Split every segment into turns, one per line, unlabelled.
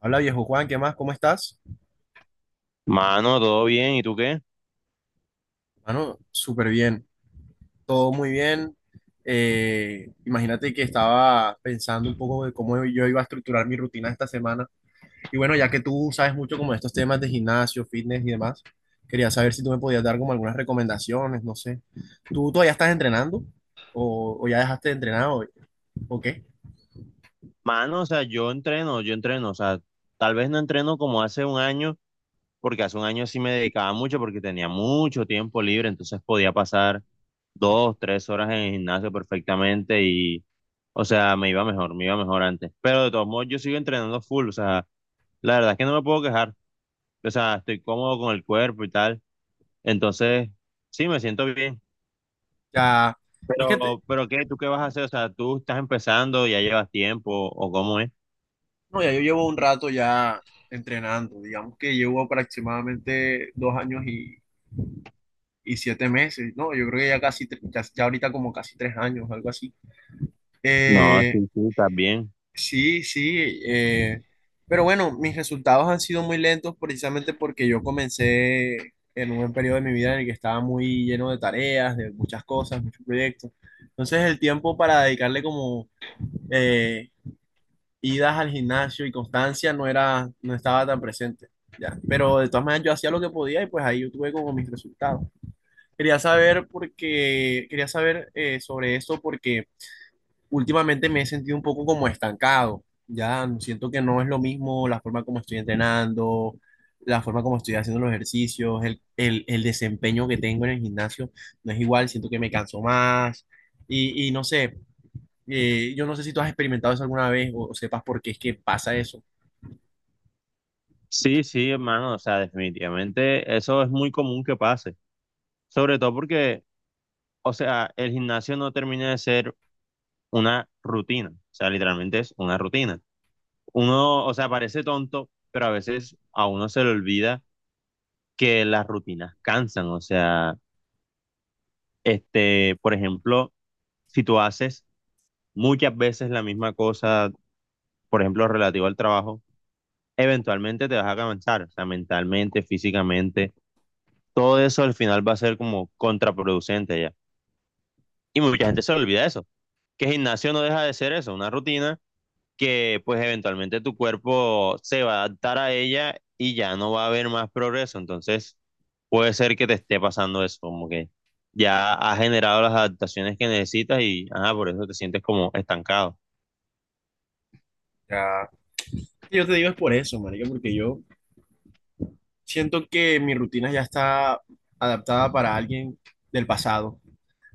Hola viejo Juan, ¿qué más? ¿Cómo estás?
Mano, todo bien, ¿y tú qué?
Mano, súper bien, todo muy bien. Imagínate que estaba pensando un poco de cómo yo iba a estructurar mi rutina esta semana. Y bueno, ya que tú sabes mucho como de estos temas de gimnasio, fitness y demás, quería saber si tú me podías dar como algunas recomendaciones, no sé. ¿Tú todavía estás entrenando? ¿O ya dejaste de entrenar? O qué?
Mano, o sea, yo entreno, o sea, tal vez no entreno como hace un año, porque hace un año sí me dedicaba mucho porque tenía mucho tiempo libre, entonces podía pasar dos, tres horas en el gimnasio perfectamente y, o sea, me iba mejor antes. Pero de todos modos, yo sigo entrenando full, o sea, la verdad es que no me puedo quejar, o sea, estoy cómodo con el cuerpo y tal, entonces sí, me siento bien.
Ya, es que, te-
Pero ¿qué? ¿Tú qué vas a hacer? O sea, ¿tú estás empezando, ya llevas tiempo o cómo es?
no, ya yo llevo un rato ya entrenando, digamos que llevo aproximadamente 2 años y 7 meses, ¿no? Yo creo que ya casi, ya ahorita como casi 3 años, algo así.
No,
Eh,
sí, sí, también.
sí, sí, eh, pero bueno, mis resultados han sido muy lentos precisamente porque yo comencé en un periodo de mi vida en el que estaba muy lleno de tareas, de muchas cosas, muchos proyectos. Entonces el tiempo para dedicarle como eh, idas al gimnasio y constancia no estaba tan presente, ya. Pero de todas maneras yo hacía lo que podía y pues ahí yo tuve como mis resultados. Quería saber porque quería saber sobre esto porque últimamente me he sentido un poco como estancado. Ya no, siento que no es lo mismo la forma como estoy entrenando, la forma como estoy haciendo los ejercicios, el desempeño que tengo en el gimnasio no es igual, siento que me canso más y, no sé, yo no sé si tú has experimentado eso alguna vez o sepas por qué es que pasa eso.
Sí, sí, hermano, o sea, definitivamente eso es muy común que pase, sobre todo porque, o sea, el gimnasio no termina de ser una rutina, o sea, literalmente es una rutina. Uno, o sea, parece tonto, pero a veces a uno se le olvida que las rutinas cansan, o sea, por ejemplo, si tú haces muchas veces la misma cosa, por ejemplo, relativo al trabajo, eventualmente te vas a cansar, o sea, mentalmente, físicamente todo eso al final va a ser como contraproducente ya. Y mucha gente se le olvida eso, que el gimnasio no deja de ser eso, una rutina que pues eventualmente tu cuerpo se va a adaptar a ella y ya no va a haber más progreso. Entonces puede ser que te esté pasando eso, como que ya has generado las adaptaciones que necesitas y ajá, por eso te sientes como estancado.
Ya, yo te digo es por eso, marica, porque yo siento que mi rutina ya está adaptada para alguien del pasado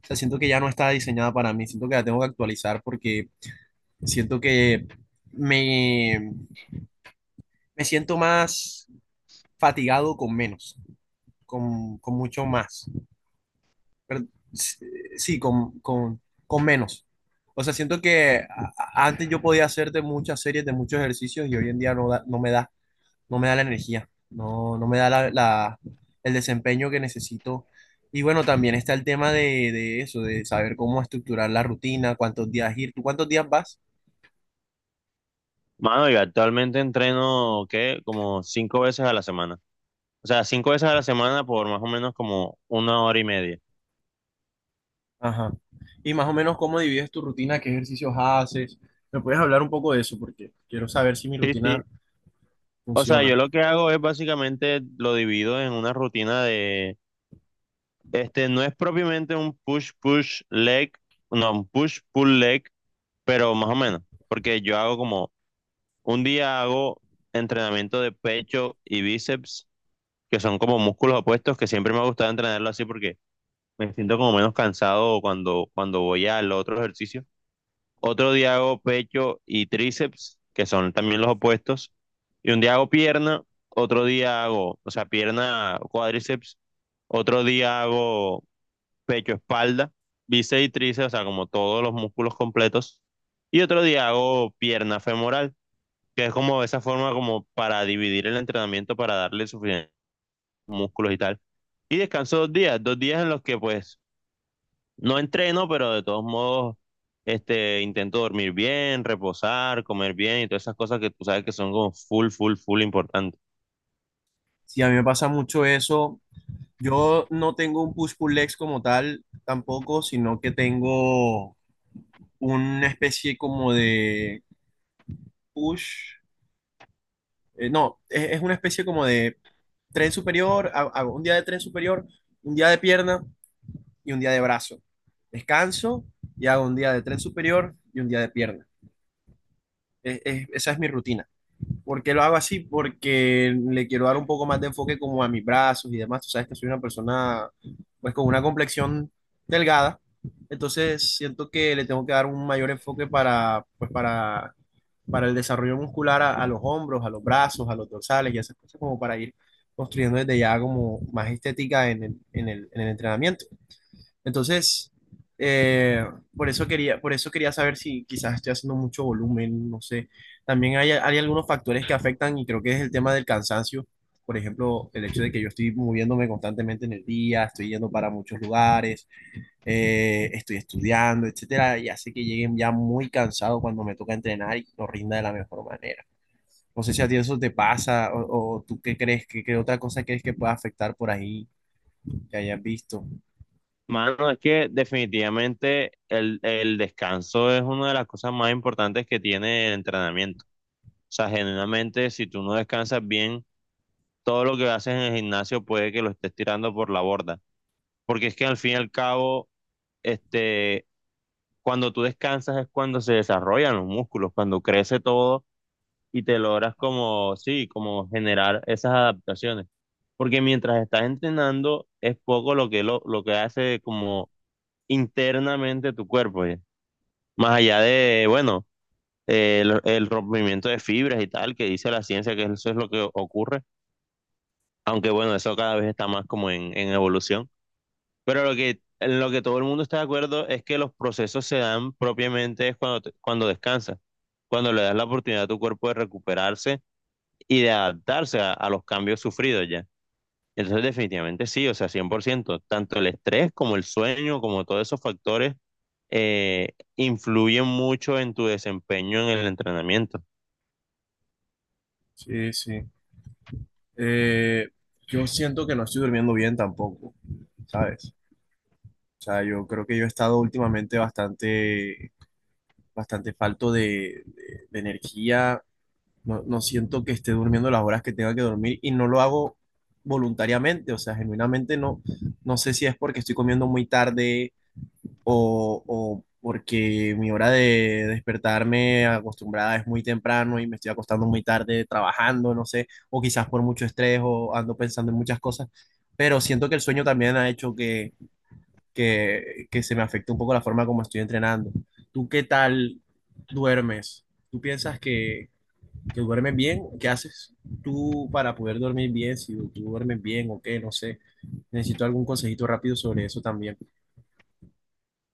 sea, siento que ya no está diseñada para mí, siento que la tengo que actualizar porque siento que me, me siento más fatigado con menos, con mucho más, pero s- sí, con menos. O sea, siento que antes yo podía hacer de muchas series, de muchos ejercicios y hoy en día no, no me da. No me da la energía, no me da el desempeño que necesito. Y bueno, también está el tema de eso, de saber cómo estructurar la rutina, cuántos días ir, ¿tú cuántos días vas?
Mano, yo actualmente entreno, ¿qué? Como 5 veces a la semana. O sea, 5 veces a la semana por más o menos como 1 hora y media.
Ajá. Y más o menos cómo divides tu rutina, qué ejercicios haces. ¿Me puedes hablar un poco de eso? Porque quiero saber si mi
Sí, sí.
rutina
O sea, yo
funciona.
lo que hago es básicamente lo divido en una rutina de, no es propiamente un push, push, leg, no, un push, pull, leg, pero más o menos, porque yo hago como, un día hago entrenamiento de pecho y bíceps, que son como músculos opuestos, que siempre me ha gustado entrenarlo así porque me siento como menos cansado cuando, cuando voy al otro ejercicio. Otro día hago pecho y tríceps, que son también los opuestos, y un día hago pierna, otro día hago, o sea, pierna, cuádriceps, otro día hago pecho, espalda, bíceps y tríceps, o sea, como todos los músculos completos, y otro día hago pierna femoral, que es como esa forma como para dividir el entrenamiento, para darle suficientes músculos y tal. Y descanso 2 días, 2 días en los que pues no entreno, pero de todos modos, intento dormir bien, reposar, comer bien y todas esas cosas que tú sabes que son como full, full, full importantes.
Sí, a mí me pasa mucho eso. Yo no tengo un push-pull-legs como tal tampoco, sino que tengo una especie como de push. No, es una especie como de tren superior, hago un día de tren superior, un día de pierna y un día de brazo. Descanso y hago un día de tren superior y un día de pierna. Esa es mi rutina. ¿Por qué lo hago así? Porque le quiero dar un poco más de enfoque como a mis brazos y demás. Tú sabes que soy una persona pues con una complexión delgada, entonces siento que le tengo que dar un mayor enfoque para para el desarrollo muscular a los hombros, a los brazos, a los dorsales y esas cosas como para ir construyendo desde ya como más estética en en el entrenamiento. Entonces, eh, por eso quería saber si quizás estoy haciendo mucho volumen, no sé. También hay algunos factores que afectan y creo que es el tema del cansancio. Por ejemplo, el hecho de que yo estoy moviéndome constantemente en el día, estoy yendo para muchos lugares, estoy estudiando, etcétera, y hace que lleguen ya muy cansado cuando me toca entrenar y no rinda de la mejor manera. No sé si a ti eso te pasa o tú qué crees, qué otra cosa crees que pueda afectar por ahí que hayas visto.
Mano, es que definitivamente el descanso es una de las cosas más importantes que tiene el entrenamiento. O sea, generalmente, si tú no descansas bien, todo lo que haces en el gimnasio puede que lo estés tirando por la borda. Porque es que al fin y al cabo, este, cuando tú descansas es cuando se desarrollan los músculos, cuando crece todo y te logras como, sí, como generar esas adaptaciones. Porque mientras estás entrenando es poco lo que hace como internamente tu cuerpo, ¿ya? Más allá de, bueno, el rompimiento de fibras y tal, que dice la ciencia que eso es lo que ocurre, aunque bueno, eso cada vez está más como en, evolución. Pero lo que, en lo que todo el mundo está de acuerdo es que los procesos se dan propiamente es cuando, cuando descansas, cuando le das la oportunidad a tu cuerpo de recuperarse y de adaptarse a los cambios sufridos ya. Entonces, definitivamente sí, o sea, 100% tanto el estrés como el sueño, como todos esos factores influyen mucho en tu desempeño en el entrenamiento.
Sí, sí. Eh, yo siento que no estoy durmiendo bien tampoco, ¿sabes? O sea, yo creo que yo he estado últimamente bastante falto de energía. No siento que esté durmiendo las horas que tenga que dormir y no lo hago voluntariamente. O sea, genuinamente no, no sé si es porque estoy comiendo muy tarde, o porque mi hora de despertarme acostumbrada es muy temprano y me estoy acostando muy tarde trabajando, no sé, o quizás por mucho estrés o ando pensando en muchas cosas, pero siento que el sueño también ha hecho que se me afecte un poco la forma como estoy entrenando. ¿Tú qué tal duermes? ¿Tú piensas que duermes bien? ¿Qué haces tú para poder dormir bien? Si tú duermes bien o qué, no sé. Necesito algún consejito rápido sobre eso también.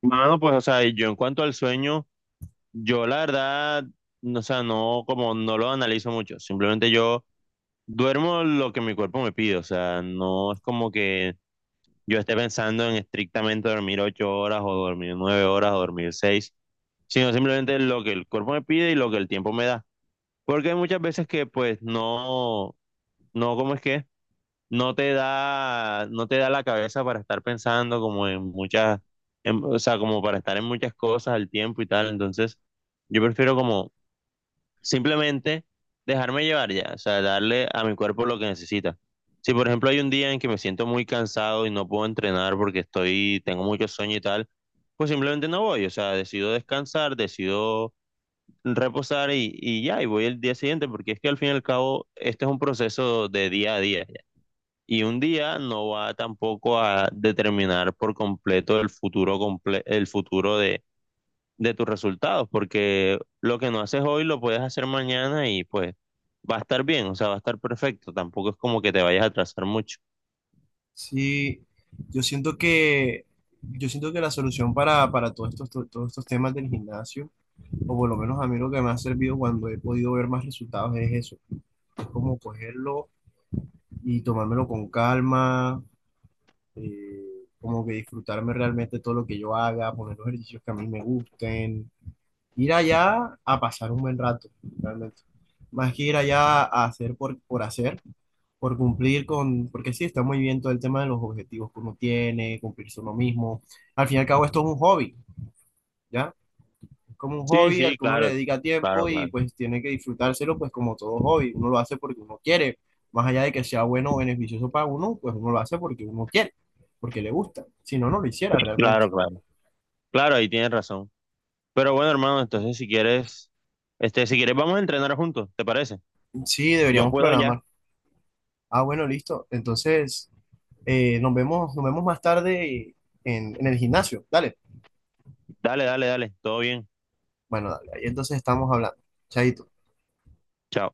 Mano, pues, o sea, yo en cuanto al sueño, yo la verdad, no, o sea, no, como no lo analizo mucho, simplemente yo duermo lo que mi cuerpo me pide, o sea, no es como que yo esté pensando en estrictamente dormir 8 horas o dormir 9 horas o dormir 6, sino simplemente lo que el cuerpo me pide y lo que el tiempo me da. Porque hay muchas veces que pues no, no, ¿cómo es que? No te da, no te da la cabeza para estar pensando como en muchas, o sea, como para estar en muchas cosas al tiempo y tal. Entonces, yo prefiero como simplemente dejarme llevar ya, o sea, darle a mi cuerpo lo que necesita. Si por ejemplo hay un día en que me siento muy cansado y no puedo entrenar porque estoy, tengo mucho sueño y tal, pues simplemente no voy, o sea, decido descansar, decido reposar y ya, y voy el día siguiente, porque es que al fin y al cabo este es un proceso de día a día. Y un día no va tampoco a determinar por completo el futuro, el futuro de tus resultados, porque lo que no haces hoy lo puedes hacer mañana y pues va a estar bien, o sea, va a estar perfecto, tampoco es como que te vayas a atrasar mucho.
Sí, yo siento yo siento que la solución para todos estos, todos estos temas del gimnasio, o por lo menos a mí lo que me ha servido cuando he podido ver más resultados es eso, es como cogerlo y tomármelo con calma, como que disfrutarme realmente todo lo que yo haga, poner los ejercicios que a mí me gusten, ir allá a pasar un buen rato, realmente. Más que ir allá a hacer por hacer, por cumplir con, porque sí, está muy bien todo el tema de los objetivos que uno tiene, cumplirse uno mismo. Al fin y al cabo, esto es un hobby, ¿ya? Es como un
Sí,
hobby al
sí,
que uno le
claro,
dedica tiempo
claro,
y
claro,
pues tiene que disfrutárselo, pues como todo hobby, uno lo hace porque uno quiere. Más allá de que sea bueno o beneficioso para uno, pues uno lo hace porque uno quiere, porque le gusta. Si no, no lo hiciera realmente.
claro, claro, claro, ahí tienes razón. Pero bueno, hermano, entonces si quieres, si quieres vamos a entrenar juntos, ¿te parece?
Sí,
Yo
deberíamos
puedo ya.
programar. Ah, bueno, listo. Entonces... nos vemos más tarde en el gimnasio. Dale.
Dale, dale, dale, todo bien.
Bueno, dale. Ahí entonces estamos hablando. Chaito.
Chao.